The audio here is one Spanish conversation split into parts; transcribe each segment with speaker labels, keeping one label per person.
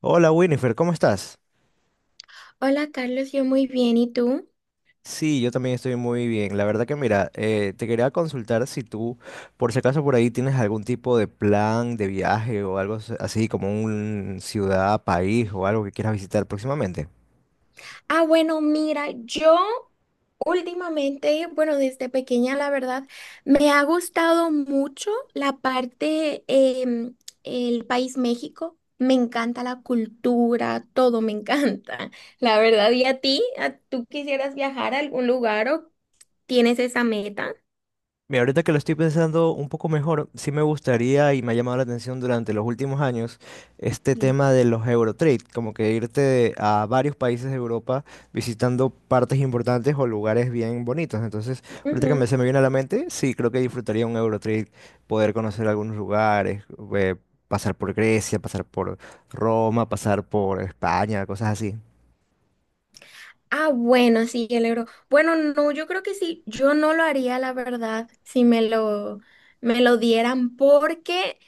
Speaker 1: Hola Winifred, ¿cómo estás?
Speaker 2: Hola Carlos, yo muy bien, ¿y tú?
Speaker 1: Sí, yo también estoy muy bien. La verdad que mira, te quería consultar si tú, por si acaso por ahí tienes algún tipo de plan de viaje o algo así como un ciudad, país o algo que quieras visitar próximamente.
Speaker 2: Ah, bueno, mira, yo últimamente, bueno, desde pequeña, la verdad, me ha gustado mucho la parte, em, el país México. Me encanta la cultura, todo me encanta, la verdad. ¿Y a ti? ¿Tú quisieras viajar a algún lugar o tienes esa meta?
Speaker 1: Mira, ahorita que lo estoy pensando un poco mejor, sí me gustaría y me ha llamado la atención durante los últimos años este
Speaker 2: Sí.
Speaker 1: tema de los Eurotrade, como que irte a varios países de Europa visitando partes importantes o lugares bien bonitos. Entonces, ahorita que se me viene a la mente, sí, creo que disfrutaría un Eurotrade, poder conocer algunos lugares, eh, pasar por Grecia, pasar por Roma, pasar por España, cosas así.
Speaker 2: Ah, bueno, sí, el euro. Bueno, no, yo creo que sí, yo no lo haría, la verdad, si me lo, me lo dieran, porque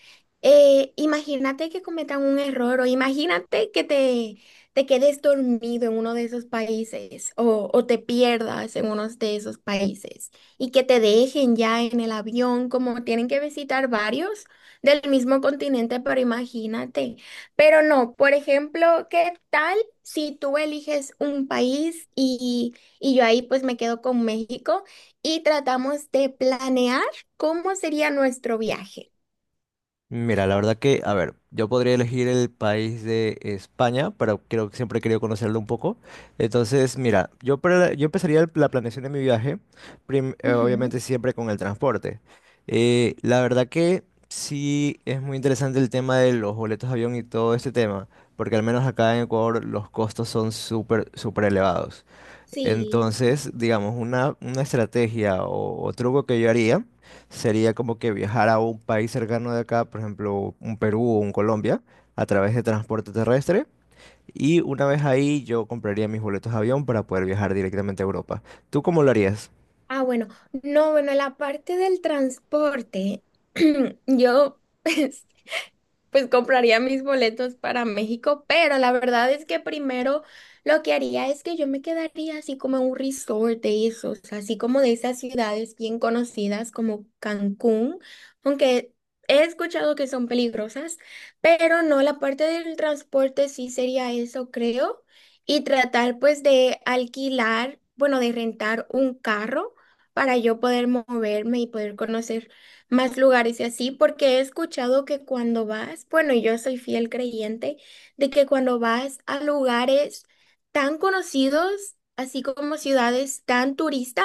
Speaker 2: imagínate que cometan un error o imagínate te quedes dormido en uno de esos países o te pierdas en uno de esos países y que te dejen ya en el avión, como tienen que visitar varios del mismo continente, pero imagínate. Pero no, por ejemplo, ¿qué tal? Si tú eliges un país y yo ahí pues me quedo con México y tratamos de planear cómo sería nuestro viaje.
Speaker 1: Mira, la verdad que, a ver, yo podría elegir el país de España, pero creo que siempre he querido conocerlo un poco. Entonces, mira, yo, yo empezaría la planeación de mi viaje,
Speaker 2: Ujú.
Speaker 1: obviamente siempre con el transporte. La verdad que sí es muy interesante el tema de los boletos de avión y todo este tema, porque al menos acá en Ecuador los costos son súper, súper elevados.
Speaker 2: Sí.
Speaker 1: Entonces, digamos, una estrategia o truco que yo haría sería como que viajar a un país cercano de acá, por ejemplo, un Perú o un Colombia, a través de transporte terrestre. Y una vez ahí yo compraría mis boletos de avión para poder viajar directamente a Europa. ¿Tú cómo lo harías?
Speaker 2: Ah, bueno, no, bueno, la parte del transporte, yo pues compraría mis boletos para México, pero la verdad es que primero lo que haría es que yo me quedaría así como en un resort de esos, así como de esas ciudades bien conocidas como Cancún, aunque he escuchado que son peligrosas, pero no, la parte del transporte sí sería eso, creo, y tratar pues de alquilar, bueno, de rentar un carro para yo poder moverme y poder conocer más lugares y así, porque he escuchado que cuando vas, bueno, yo soy fiel creyente de que cuando vas a lugares tan conocidos, así como ciudades tan turistas,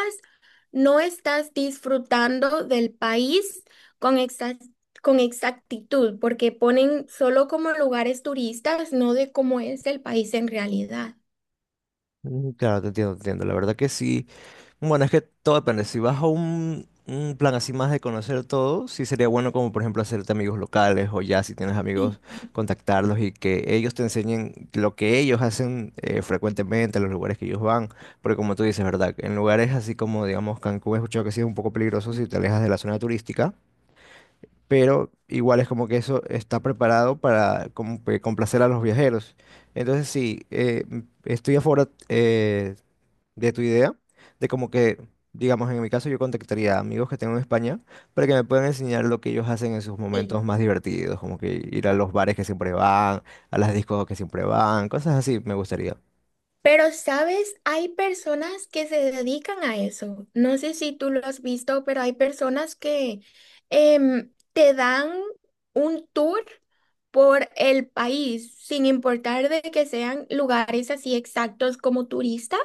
Speaker 2: no estás disfrutando del país con exa- con exactitud, porque ponen solo como lugares turistas, no de cómo es el país en realidad.
Speaker 1: Mm, claro, te entiendo, te entiendo. La verdad que sí, bueno, es que todo depende. Si vas a un plan así más de conocer todo, sí sería bueno como por ejemplo hacerte amigos locales o ya si tienes amigos, contactarlos y que ellos te enseñen lo que ellos hacen frecuentemente, los lugares que ellos van. Porque como tú dices, ¿verdad? En lugares así como, digamos, Cancún, he escuchado que sí es un poco peligroso si te alejas de la zona turística, pero igual es como que eso está preparado para como que complacer a los viajeros. Entonces sí, estoy a favor, de tu idea, de como que, digamos, en mi caso yo contactaría a amigos que tengo en España para que me puedan enseñar lo que ellos hacen en sus
Speaker 2: Sí.
Speaker 1: momentos más divertidos, como que ir a los bares que siempre van, a las discos que siempre van, cosas así me gustaría.
Speaker 2: Pero, ¿sabes? Hay personas que se dedican a eso. No sé si tú lo has visto, pero hay personas que te dan un tour por el país, sin importar de que sean lugares así exactos como turistas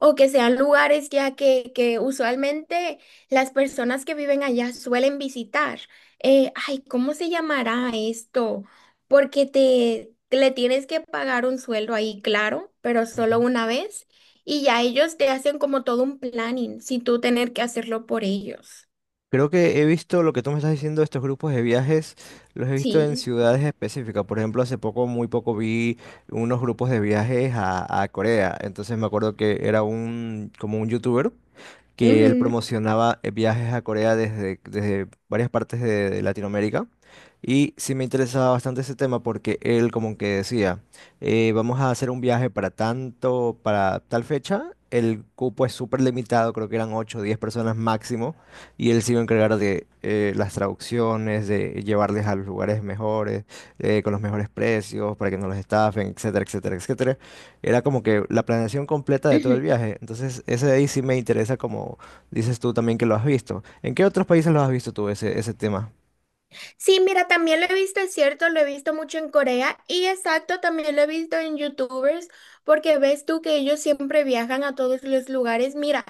Speaker 2: o que sean lugares ya que usualmente las personas que viven allá suelen visitar. Ay, ¿cómo se llamará esto? Porque te le tienes que pagar un sueldo ahí, claro, pero solo
Speaker 1: Ujú.
Speaker 2: una vez y ya ellos te hacen como todo un planning sin tú tener que hacerlo por ellos.
Speaker 1: Creo que he visto lo que tú me estás diciendo, estos grupos de viajes, los he visto en
Speaker 2: Sí.
Speaker 1: ciudades específicas. Por ejemplo, hace poco, muy poco, vi unos grupos de viajes a Corea. Entonces me acuerdo que era un, como un youtuber que él
Speaker 2: Ujú,
Speaker 1: promocionaba viajes a Corea desde, desde varias partes de Latinoamérica. Y sí me interesaba bastante ese tema porque él como que decía, vamos a hacer un viaje para tanto, para tal fecha, el cupo es súper limitado, creo que eran 8 o 10 personas máximo, y él se iba a encargar de las traducciones, de llevarles a los lugares mejores, con los mejores precios, para que no los estafen, etcétera, etcétera, etcétera. Era como que la planeación completa de todo el
Speaker 2: ujú.
Speaker 1: viaje. Entonces, ese de ahí sí me interesa, como dices tú también que lo has visto. ¿En qué otros países lo has visto tú ese, ese tema?
Speaker 2: Sí, mira, también lo he visto, es cierto, lo he visto mucho en Corea y exacto, también lo he visto en YouTubers, porque ves tú que ellos siempre viajan a todos los lugares. Mira,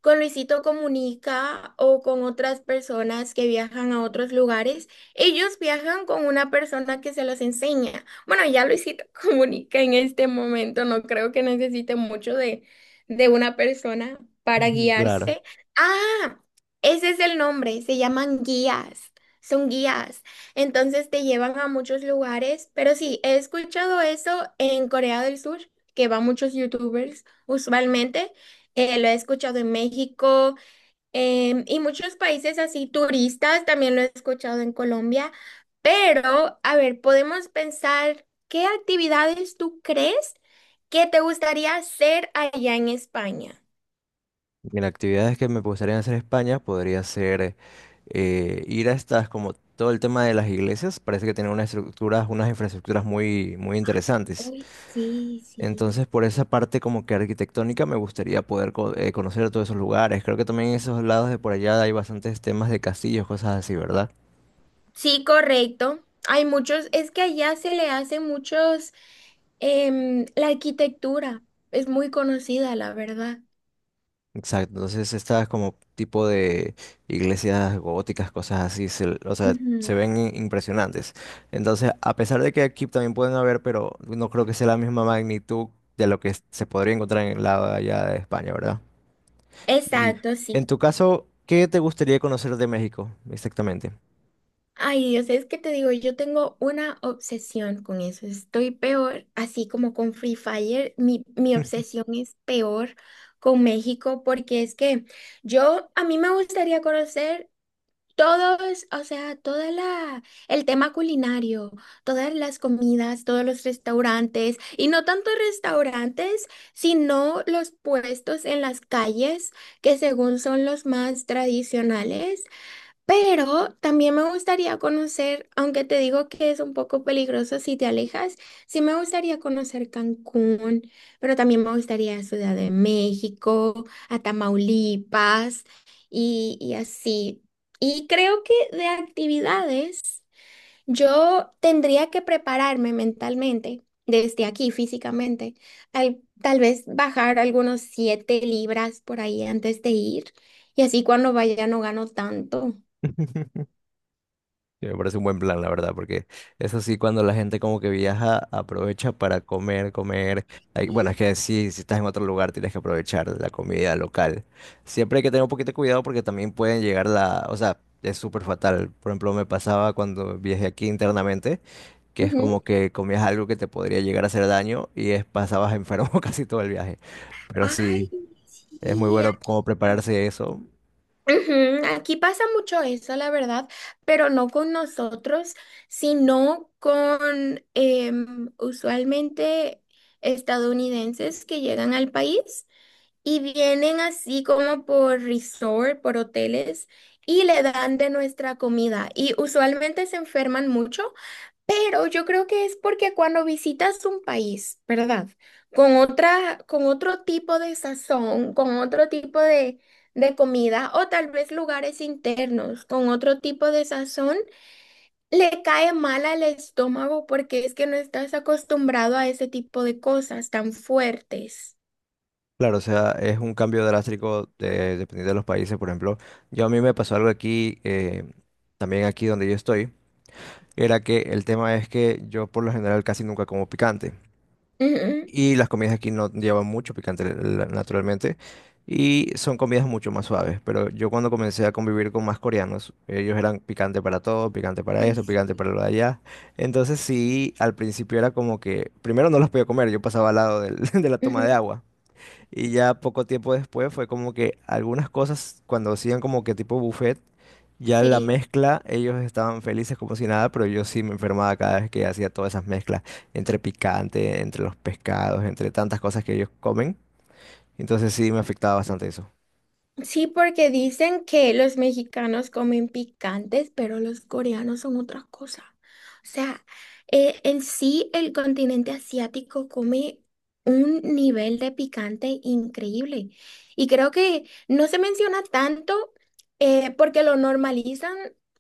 Speaker 2: con Luisito Comunica o con otras personas que viajan a otros lugares, ellos viajan con una persona que se los enseña. Bueno, ya Luisito Comunica en este momento, no creo que necesite mucho de una persona para
Speaker 1: Ujú. Claro.
Speaker 2: guiarse. Ah, ese es el nombre, se llaman guías. Son guías, entonces te llevan a muchos lugares, pero sí, he escuchado eso en Corea del Sur, que van muchos youtubers usualmente, lo he escuchado en México, y muchos países así turistas, también lo he escuchado en Colombia, pero a ver, podemos pensar, ¿qué actividades tú crees que te gustaría hacer allá en España?
Speaker 1: Mira, actividades que me gustaría hacer en España podría ser ir a estas, como todo el tema de las iglesias, parece que tienen unas estructuras, unas infraestructuras muy, muy interesantes.
Speaker 2: Uy, sí, sí.
Speaker 1: Entonces, por esa parte como que arquitectónica me gustaría poder conocer todos esos lugares. Creo que también en esos lados de por allá hay bastantes temas de castillos, cosas así, ¿verdad?
Speaker 2: Sí, correcto. Hay muchos, es que allá se le hacen muchos, la arquitectura es muy conocida, la verdad.
Speaker 1: Exacto, entonces estas como tipo de iglesias góticas, cosas así, o sea,
Speaker 2: Ujú.
Speaker 1: se ven impresionantes. Entonces, a pesar de que aquí también pueden haber, pero no creo que sea la misma magnitud de lo que se podría encontrar en el lado de allá de España, ¿verdad? Y
Speaker 2: Exacto, sí.
Speaker 1: en tu caso, ¿qué te gustaría conocer de México exactamente?
Speaker 2: Ay, Dios, es que te digo, yo tengo una obsesión con eso. Estoy peor, así como con Free Fire, mi obsesión es peor con México, porque es que yo, a mí me gustaría conocer todo. Es, o sea, toda la, el tema culinario, todas las comidas, todos los restaurantes, y no tanto restaurantes, sino los puestos en las calles, que según son los más tradicionales, pero también me gustaría conocer, aunque te digo que es un poco peligroso si te alejas, sí me gustaría conocer Cancún, pero también me gustaría Ciudad de México, a Tamaulipas y así. Y creo que de actividades yo tendría que prepararme mentalmente, desde aquí físicamente, tal vez bajar algunos 7 libras por ahí antes de ir y así cuando vaya no gano tanto.
Speaker 1: Sí, me parece un buen plan, la verdad, porque eso sí, cuando la gente como que viaja, aprovecha para comer, comer. Bueno, es
Speaker 2: Sí.
Speaker 1: que sí, si estás en otro lugar, tienes que aprovechar la comida local. Siempre hay que tener un poquito de cuidado porque también pueden llegar la, o sea, es súper fatal. Por ejemplo, me pasaba cuando viajé aquí internamente, que es
Speaker 2: Ujú.
Speaker 1: como que comías algo que te podría llegar a hacer daño y es, pasabas enfermo casi todo el viaje. Pero
Speaker 2: Ay,
Speaker 1: sí, es muy
Speaker 2: sí.
Speaker 1: bueno como prepararse eso.
Speaker 2: Ujú. Aquí pasa mucho eso, la verdad, pero no con nosotros, sino con usualmente estadounidenses que llegan al país y vienen así como por resort, por hoteles, y le dan de nuestra comida. Y usualmente se enferman mucho. Pero yo creo que es porque cuando visitas un país, ¿verdad? Con otra, con otro tipo de sazón, con otro tipo de comida, o tal vez lugares internos, con otro tipo de sazón, le cae mal al estómago porque es que no estás acostumbrado a ese tipo de cosas tan fuertes.
Speaker 1: Claro, o sea, es un cambio drástico dependiendo de los países. Por ejemplo, yo a mí me pasó algo aquí, también aquí donde yo estoy, era que el tema es que yo por lo general casi nunca como picante.
Speaker 2: Ujú.
Speaker 1: Y las comidas aquí no llevan mucho picante, naturalmente, y son comidas mucho más suaves. Pero yo cuando comencé a convivir con más coreanos, ellos eran picante para todo, picante para
Speaker 2: Ay,
Speaker 1: esto, picante
Speaker 2: sí.
Speaker 1: para lo de allá. Entonces sí, al principio era como que, primero no los podía comer, yo pasaba al lado de la toma
Speaker 2: Ujú.
Speaker 1: de agua. Y ya poco tiempo después fue como que algunas cosas, cuando hacían como que tipo buffet, ya la
Speaker 2: Sí.
Speaker 1: mezcla, ellos estaban felices como si nada, pero yo sí me enfermaba cada vez que hacía todas esas mezclas, entre picante, entre los pescados, entre tantas cosas que ellos comen. Entonces sí me afectaba bastante eso.
Speaker 2: Sí, porque dicen que los mexicanos comen picantes, pero los coreanos son otra cosa. O sea, en sí el continente asiático come un nivel de picante increíble. Y creo que no se menciona tanto, porque lo normalizan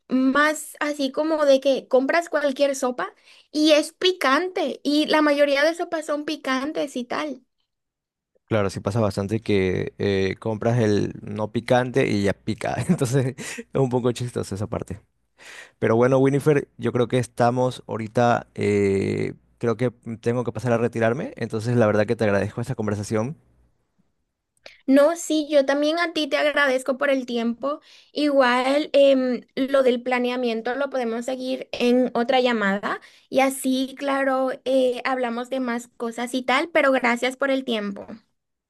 Speaker 2: más así como de que compras cualquier sopa y es picante. Y la mayoría de sopas son picantes y tal.
Speaker 1: Claro, sí pasa bastante que compras el no picante y ya pica. Entonces es un poco chistoso esa parte. Pero bueno, Winifred, yo creo que estamos ahorita, creo que tengo que pasar a retirarme, entonces la verdad que te agradezco esta conversación.
Speaker 2: No, sí, yo también a ti te agradezco por el tiempo. Igual, lo del planeamiento lo podemos seguir en otra llamada y así, claro, hablamos de más cosas y tal, pero gracias por el tiempo.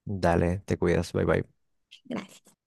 Speaker 1: Dale, te cuidas, bye bye.
Speaker 2: Gracias.